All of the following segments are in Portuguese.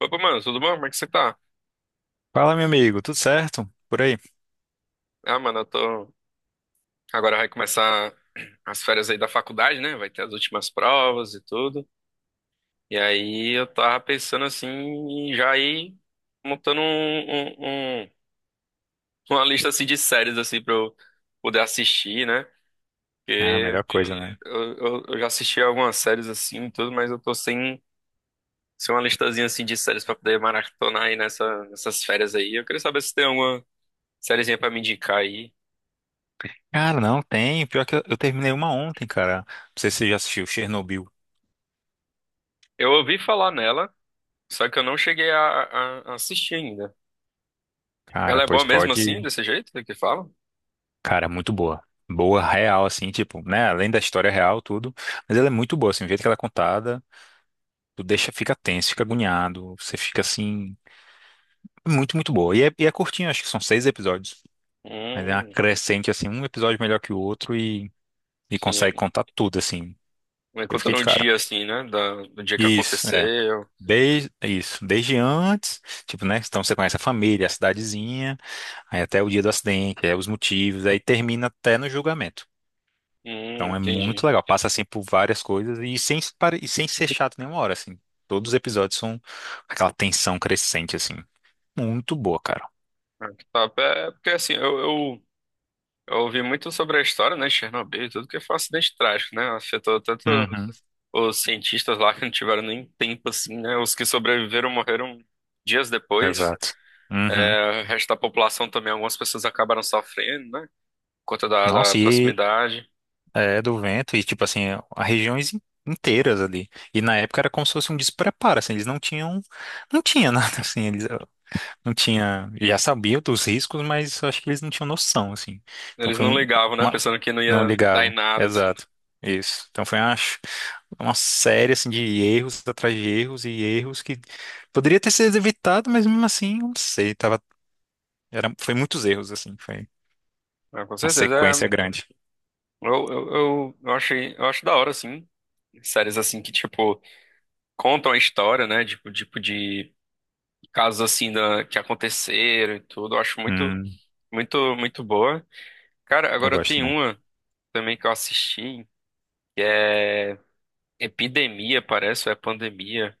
Opa, mano, tudo bom? Como é que você tá? Fala, meu amigo, tudo certo? Por aí? Ah, mano, eu tô. Agora vai começar as férias aí da faculdade, né? Vai ter as últimas provas e tudo. E aí eu tava pensando assim, em já ir montando uma lista assim de séries assim pra eu poder assistir, né? Ah, Porque melhor coisa, né? Eu já assisti algumas séries assim e tudo, mas eu tô sem uma listazinha assim de séries pra poder maratonar aí nessas férias aí. Eu queria saber se tem alguma sériezinha pra me indicar aí. Cara, não tem. Pior que eu terminei uma ontem, cara. Não sei se você já assistiu Chernobyl. Eu ouvi falar nela. Só que eu não cheguei a assistir ainda. Cara, Ela é pois boa mesmo assim, pode. desse jeito que fala? Cara, muito boa. Boa, real, assim, tipo, né? Além da história real, tudo. Mas ela é muito boa, assim, o jeito que ela é contada. Tu deixa, fica tenso, fica agoniado. Você fica, assim, muito, muito boa. E é curtinho, acho que são 6 episódios. Mas é uma Hum, crescente, assim, um episódio melhor que o outro e consegue sim. contar tudo, assim. Vai Eu fiquei contando de o cara. dia assim, né? Do dia que Isso, é. aconteceu. Desde, isso, desde antes, tipo, né? Então você conhece a família, a cidadezinha, aí até o dia do acidente, aí os motivos, aí termina até no julgamento. Então é muito Entendi. legal, passa assim por várias coisas e sem ser chato nenhuma hora, assim. Todos os episódios são aquela tensão crescente, assim. Muito boa, cara. Ah, que top. É, é porque assim, eu ouvi muito sobre a história, né, de Chernobyl, e tudo que foi um acidente trágico, né? Afetou tanto Uhum, os cientistas lá que não tiveram nem tempo, assim, né? Os que sobreviveram morreram dias depois. exato. Uhum. É, o resto da população também, algumas pessoas acabaram sofrendo, né? Por conta da Nossa, e proximidade. é do vento, e tipo assim, a regiões inteiras ali. E na época era como se fosse um despreparo, assim, eles não tinham. Não tinha nada assim. Eles, não tinha, já sabia dos riscos, mas eu acho que eles não tinham noção, assim. Então Eles foi não um, ligavam, né? uma- Pensando que não não ia dar ligavam. em nada, assim. Exato. Isso. Então foi uma série assim de erros atrás de erros e erros que poderia ter sido evitado, mas mesmo assim, eu não sei, tava era foi muitos erros assim, foi Ah, com uma certeza. sequência É, grande. Eu acho da hora, assim. Séries assim que, tipo, contam a história, né? Tipo, tipo de casos assim que aconteceram e tudo. Eu acho muito, Hum, muito, muito boa. Cara, eu agora gosto, tem né? uma também que eu assisti. Epidemia, parece, ou é pandemia?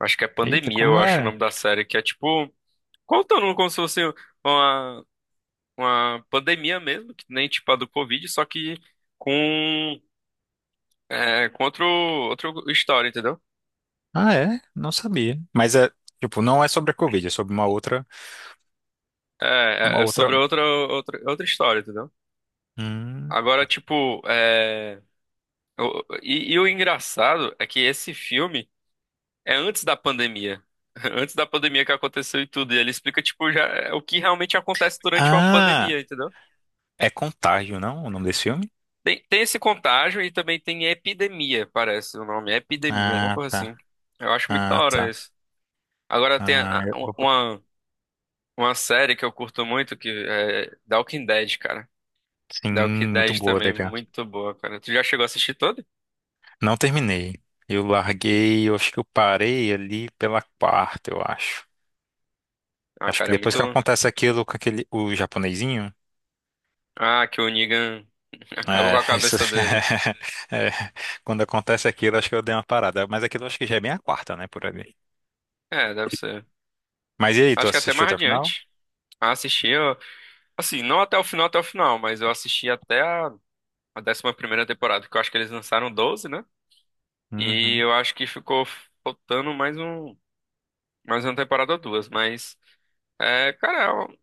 Acho que é Eita, pandemia, como eu acho o é? nome da série, que é tipo, contando como se fosse uma, uma pandemia mesmo, que nem tipo a do Covid, só que com é outra história, entendeu? Ah, é? Não sabia. Mas é, tipo, não é sobre a Covid, é sobre uma outra, É, uma é outra. sobre outra história, entendeu? Hum. Agora, tipo, é, o engraçado é que esse filme é antes da pandemia. Antes da pandemia que aconteceu e tudo. E ele explica, tipo, já é o que realmente acontece durante uma Ah, pandemia, entendeu? é Contágio, não? O nome desse filme? Tem esse contágio e também tem epidemia, parece o nome. Epidemia, alguma Ah, coisa assim. tá. Eu acho muito da Ah, hora tá. isso. Agora tem Ah, uma série que eu curto muito, que é The Walking Dead, cara. sim, Dark muito Knight boa, também, DK. muito boa, cara. Tu já chegou a assistir todo? Não terminei. Eu larguei, eu acho que eu parei ali pela quarta, eu acho. Ah, Acho que cara, é depois muito. que acontece aquilo com aquele, o japonesinho, Ah, que o Negan acaba com é, a isso, cabeça dele. é, quando acontece aquilo, acho que eu dei uma parada. Mas aquilo acho que já é bem a quarta, né, por ali. É, deve ser. Mas e aí, tu Acho que até assistiu mais até o final? adiante. Ah, assisti, eu... assim, não até o final, até o final, mas eu assisti até a 11ª temporada, que eu acho que eles lançaram 12, né? E Uhum. eu acho que ficou faltando mais uma temporada ou duas, mas, é, cara, é uma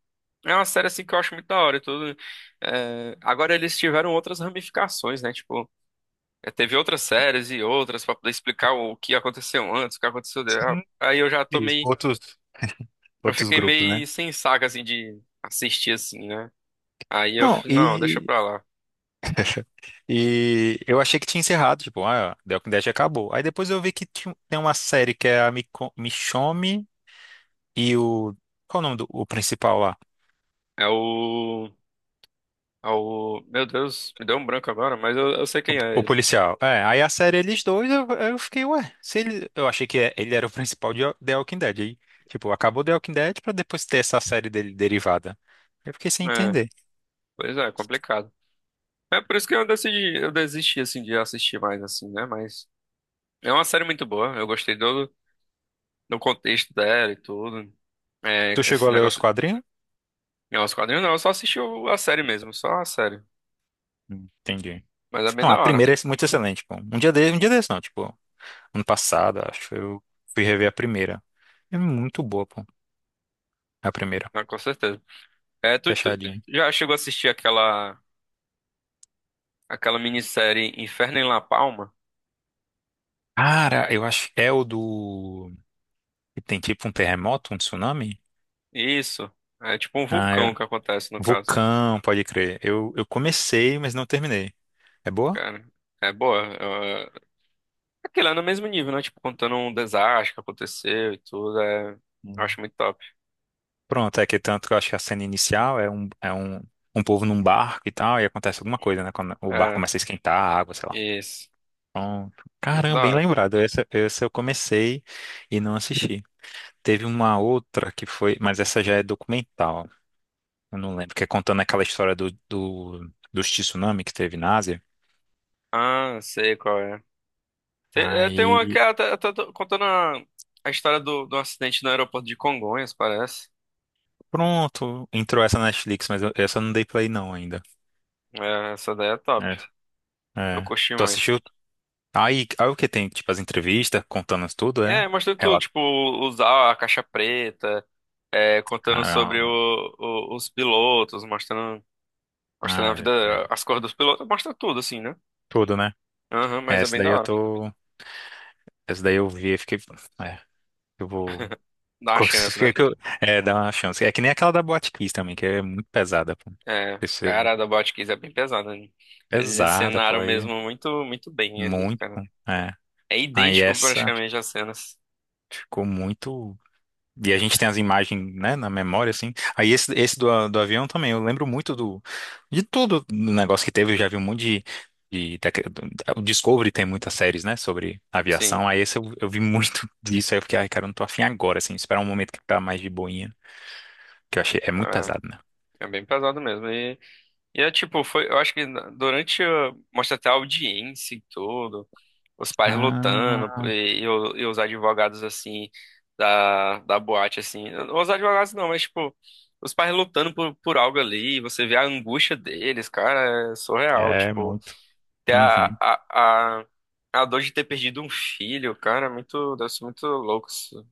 é uma série, assim, que eu acho muito da hora e tudo. É, agora eles tiveram outras ramificações, né? Tipo, é, teve outras séries e outras pra poder explicar o que aconteceu antes, o que aconteceu. Sim, Aí eu já isso. tomei. Outros, Eu outros fiquei grupos, né? meio sem saco, assim, de assistir, assim, né? Aí Não, não, deixa e pra lá. E eu achei que tinha encerrado, tipo, ah, The Walking Dead acabou. Aí depois eu vi que tem uma série que é a Michonne e o. Qual o nome do o principal lá? É o. É o. Meu Deus, me deu um branco agora, mas eu sei quem é O ele. policial. É, aí a série eles dois, eu fiquei, ué, se ele, eu achei que ele era o principal de The Walking Dead. Aí, tipo, acabou The Walking Dead pra depois ter essa série dele derivada. Eu fiquei sem É, entender. pois é, complicado. É por isso que eu decidi. Eu desisti, assim, de assistir mais, assim, né? Mas. É uma série muito boa. Eu gostei do contexto dela e tudo. É, Tu chegou esse a ler os negócio. quadrinhos? Não, os quadrinhos não, eu só assisti a série mesmo, só a série. Entendi. Mas é bem Não, da a hora, primeira é muito excelente, pô. Um dia desse não, tipo, ano passado, acho, que eu fui rever a primeira. É muito boa, pô. A primeira. né, com certeza. É, tu Fechadinha. já chegou a assistir aquela minissérie Inferno em La Palma? Cara, eu acho. É o do, que tem tipo um terremoto, um tsunami? Isso. É tipo um Ah, é. vulcão que acontece, no caso. Vulcão, pode crer. Eu comecei, mas não terminei. É boa? Cara, é boa. Aquilo é no mesmo nível, né? Tipo, contando um desastre que aconteceu e tudo. É, eu Hum. acho muito top. Pronto, é que tanto que eu acho que a cena inicial um povo num barco e tal, e acontece alguma coisa, né? Quando o barco É, começa a esquentar a água, sei lá. isso. Pronto. Muito Caramba, da bem hora. lembrado. Essa eu comecei e não assisti. Teve uma outra que foi, mas essa já é documental. Eu não lembro, que é contando aquela história dos tsunami que teve na Ásia. Ah, sei qual é. Tem, é, tem uma que Aí, é, tá contando a história do acidente no aeroporto de Congonhas, parece. pronto, entrou essa na Netflix, mas essa eu não dei play não ainda. É, essa daí é top. É. Eu É. curti Tu muito. assistiu? Aí o que tem? Tipo, as entrevistas contando isso tudo, é? É, mostrando tudo, Relato. tipo, usar a caixa preta, é, contando sobre Caramba. Os pilotos, mostrando, mostrando a Ai, vida, velho. as cores dos pilotos, mostra tudo, assim, né? Tudo, né? Aham, É, mas é essa bem da daí eu hora. tô. Essa daí eu vi e fiquei. É, eu vou. Dá uma chance, Consegui né? que É, dá uma chance. É que nem aquela da Boate Kiss também, que é muito pesada, pô. É, cara, a da Botkiss é bem pesada, né? Eles Pesada, pô, encenaram aí mesmo muito, muito bem ali, muito, cara. é. É Aí idêntico essa praticamente às cenas. ficou muito. E a gente tem as imagens, né, na memória, assim. Aí esse, do avião também, eu lembro muito do, de tudo do negócio que teve, eu já vi um monte de o Discovery tem muitas séries, né, sobre Sim, aviação. Aí esse eu vi muito disso, aí eu fiquei, ai, cara, eu não tô afim agora, assim, esperar um momento que tá mais de boinha, que eu achei, é muito pesado, né? é, é bem pesado mesmo. É tipo, foi, eu acho que durante, mostra até a audiência e tudo. Os pais lutando Ah, e os advogados assim da boate assim, os advogados não, mas tipo, os pais lutando por algo ali, você vê a angústia deles, cara, é surreal, é tipo, muito. ter Uhum. A dor de ter perdido um filho, cara, é muito, deve ser muito louco isso,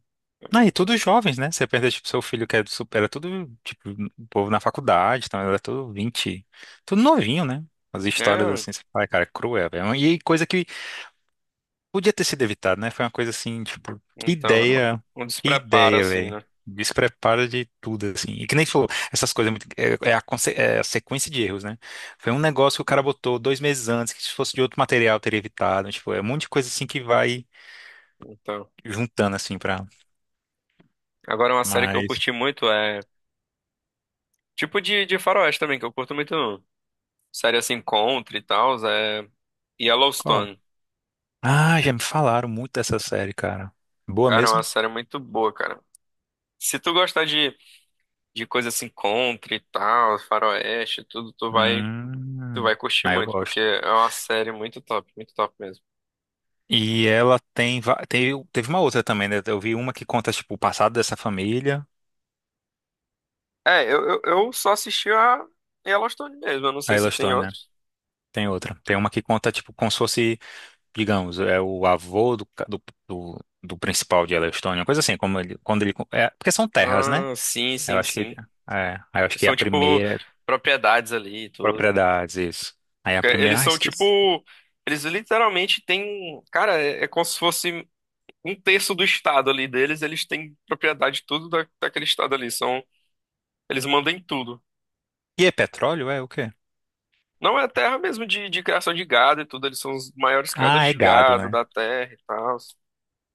Não, e todos jovens, né? Você pensa, tipo, seu filho que é super, era tudo, tipo, o povo na faculdade, então era tudo 20 tudo novinho, né? As histórias né? assim, você fala, cara, é cruel, velho. E coisa que podia ter sido evitada, né? Foi uma coisa assim, tipo, Então, é um que despreparo ideia, assim, velho. né? Despreparo de tudo, assim. E que nem falou, essas coisas, é é a sequência de erros, né? Foi um negócio que o cara botou 2 meses antes, que se fosse de outro material teria evitado, tipo, é um monte de coisa assim que vai Então, juntando, assim, pra. agora uma série que eu Mas. curti muito é tipo de faroeste também, que eu curto muito série assim, Contra e tal, é Yellowstone. Ah, já me falaram muito dessa série, cara. Boa Cara, é uma mesmo? série muito boa, cara. Se tu gostar de coisa assim, country e tal, faroeste, e tudo, tu Hum, vai curtir ah, eu muito, porque gosto. é uma série muito top mesmo. E ela tem, teve uma outra também, né? Eu vi uma que conta, tipo, o passado dessa família. É, eu só assisti a Yellowstone mesmo, eu não A sei se tem Yellowstone, né? outros. Tem outra. Tem uma que conta, tipo, como se fosse, digamos, é o avô do, ca- do, do, do principal de Yellowstone, uma coisa assim, como ele, quando ele, é, porque são terras, né? Ah, sim, Eu sim, acho que, sim. é, aí eu acho que a São tipo primeira, é propriedades ali e tudo. propriedades, isso. Aí a Eles primeira, ah, são esqueci. tipo. Eles literalmente têm. Cara, é, é como se fosse um terço do estado ali deles, eles têm propriedade de tudo daquele estado ali. São, eles mandam em tudo. E é petróleo? É o quê? Não é terra mesmo de criação de gado e tudo, eles são os maiores criadores Ah, é de gado, gado né? da terra e tal.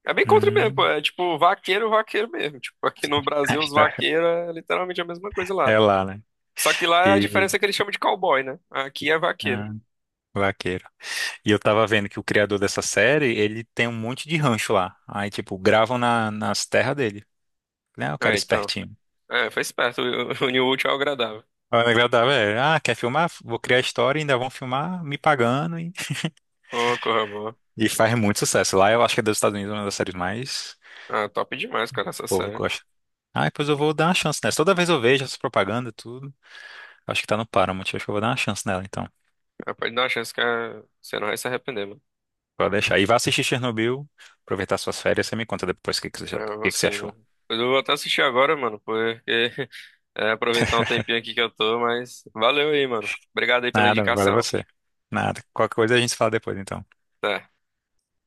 É bem contra mesmo, pô. Hum. É tipo vaqueiro, vaqueiro mesmo. Tipo, aqui no A Brasil, os história vaqueiros é literalmente a mesma coisa lá. é lá, né? Só que lá é a E diferença é que eles chamam de cowboy, né? Aqui é vaqueiro. ah, vaqueiro. E eu tava vendo que o criador dessa série, ele tem um monte de rancho lá. Aí, tipo, gravam nas terras dele. Né? O cara É, é então. espertinho. É, foi esperto. Uniu o útil ao agradável. Aí o negócio da velho, ah, quer filmar? Vou criar a história e ainda vão filmar me pagando. E, Ô, corra boa. e faz muito sucesso. Lá eu acho que é dos Estados Unidos uma das séries mais. Ah, top demais, cara, essa O povo série. gosta. Ah, depois eu vou dar uma chance nessa. Toda vez eu vejo essa propaganda, tudo. Acho que tá no Paramount. Acho que eu vou dar uma chance nela, então. É, pode dar uma chance que é, você não vai se arrepender, mano. Pode deixar. E vá assistir Chernobyl, aproveitar suas férias. Você me conta depois É, o eu vou que que você sim, achou. mano. Eu vou até assistir agora, mano, porque é, aproveitar um tempinho aqui que eu tô, mas valeu aí, mano. Obrigado aí pela Nada, valeu indicação. você. Nada. Qualquer coisa a gente fala depois, então. Até.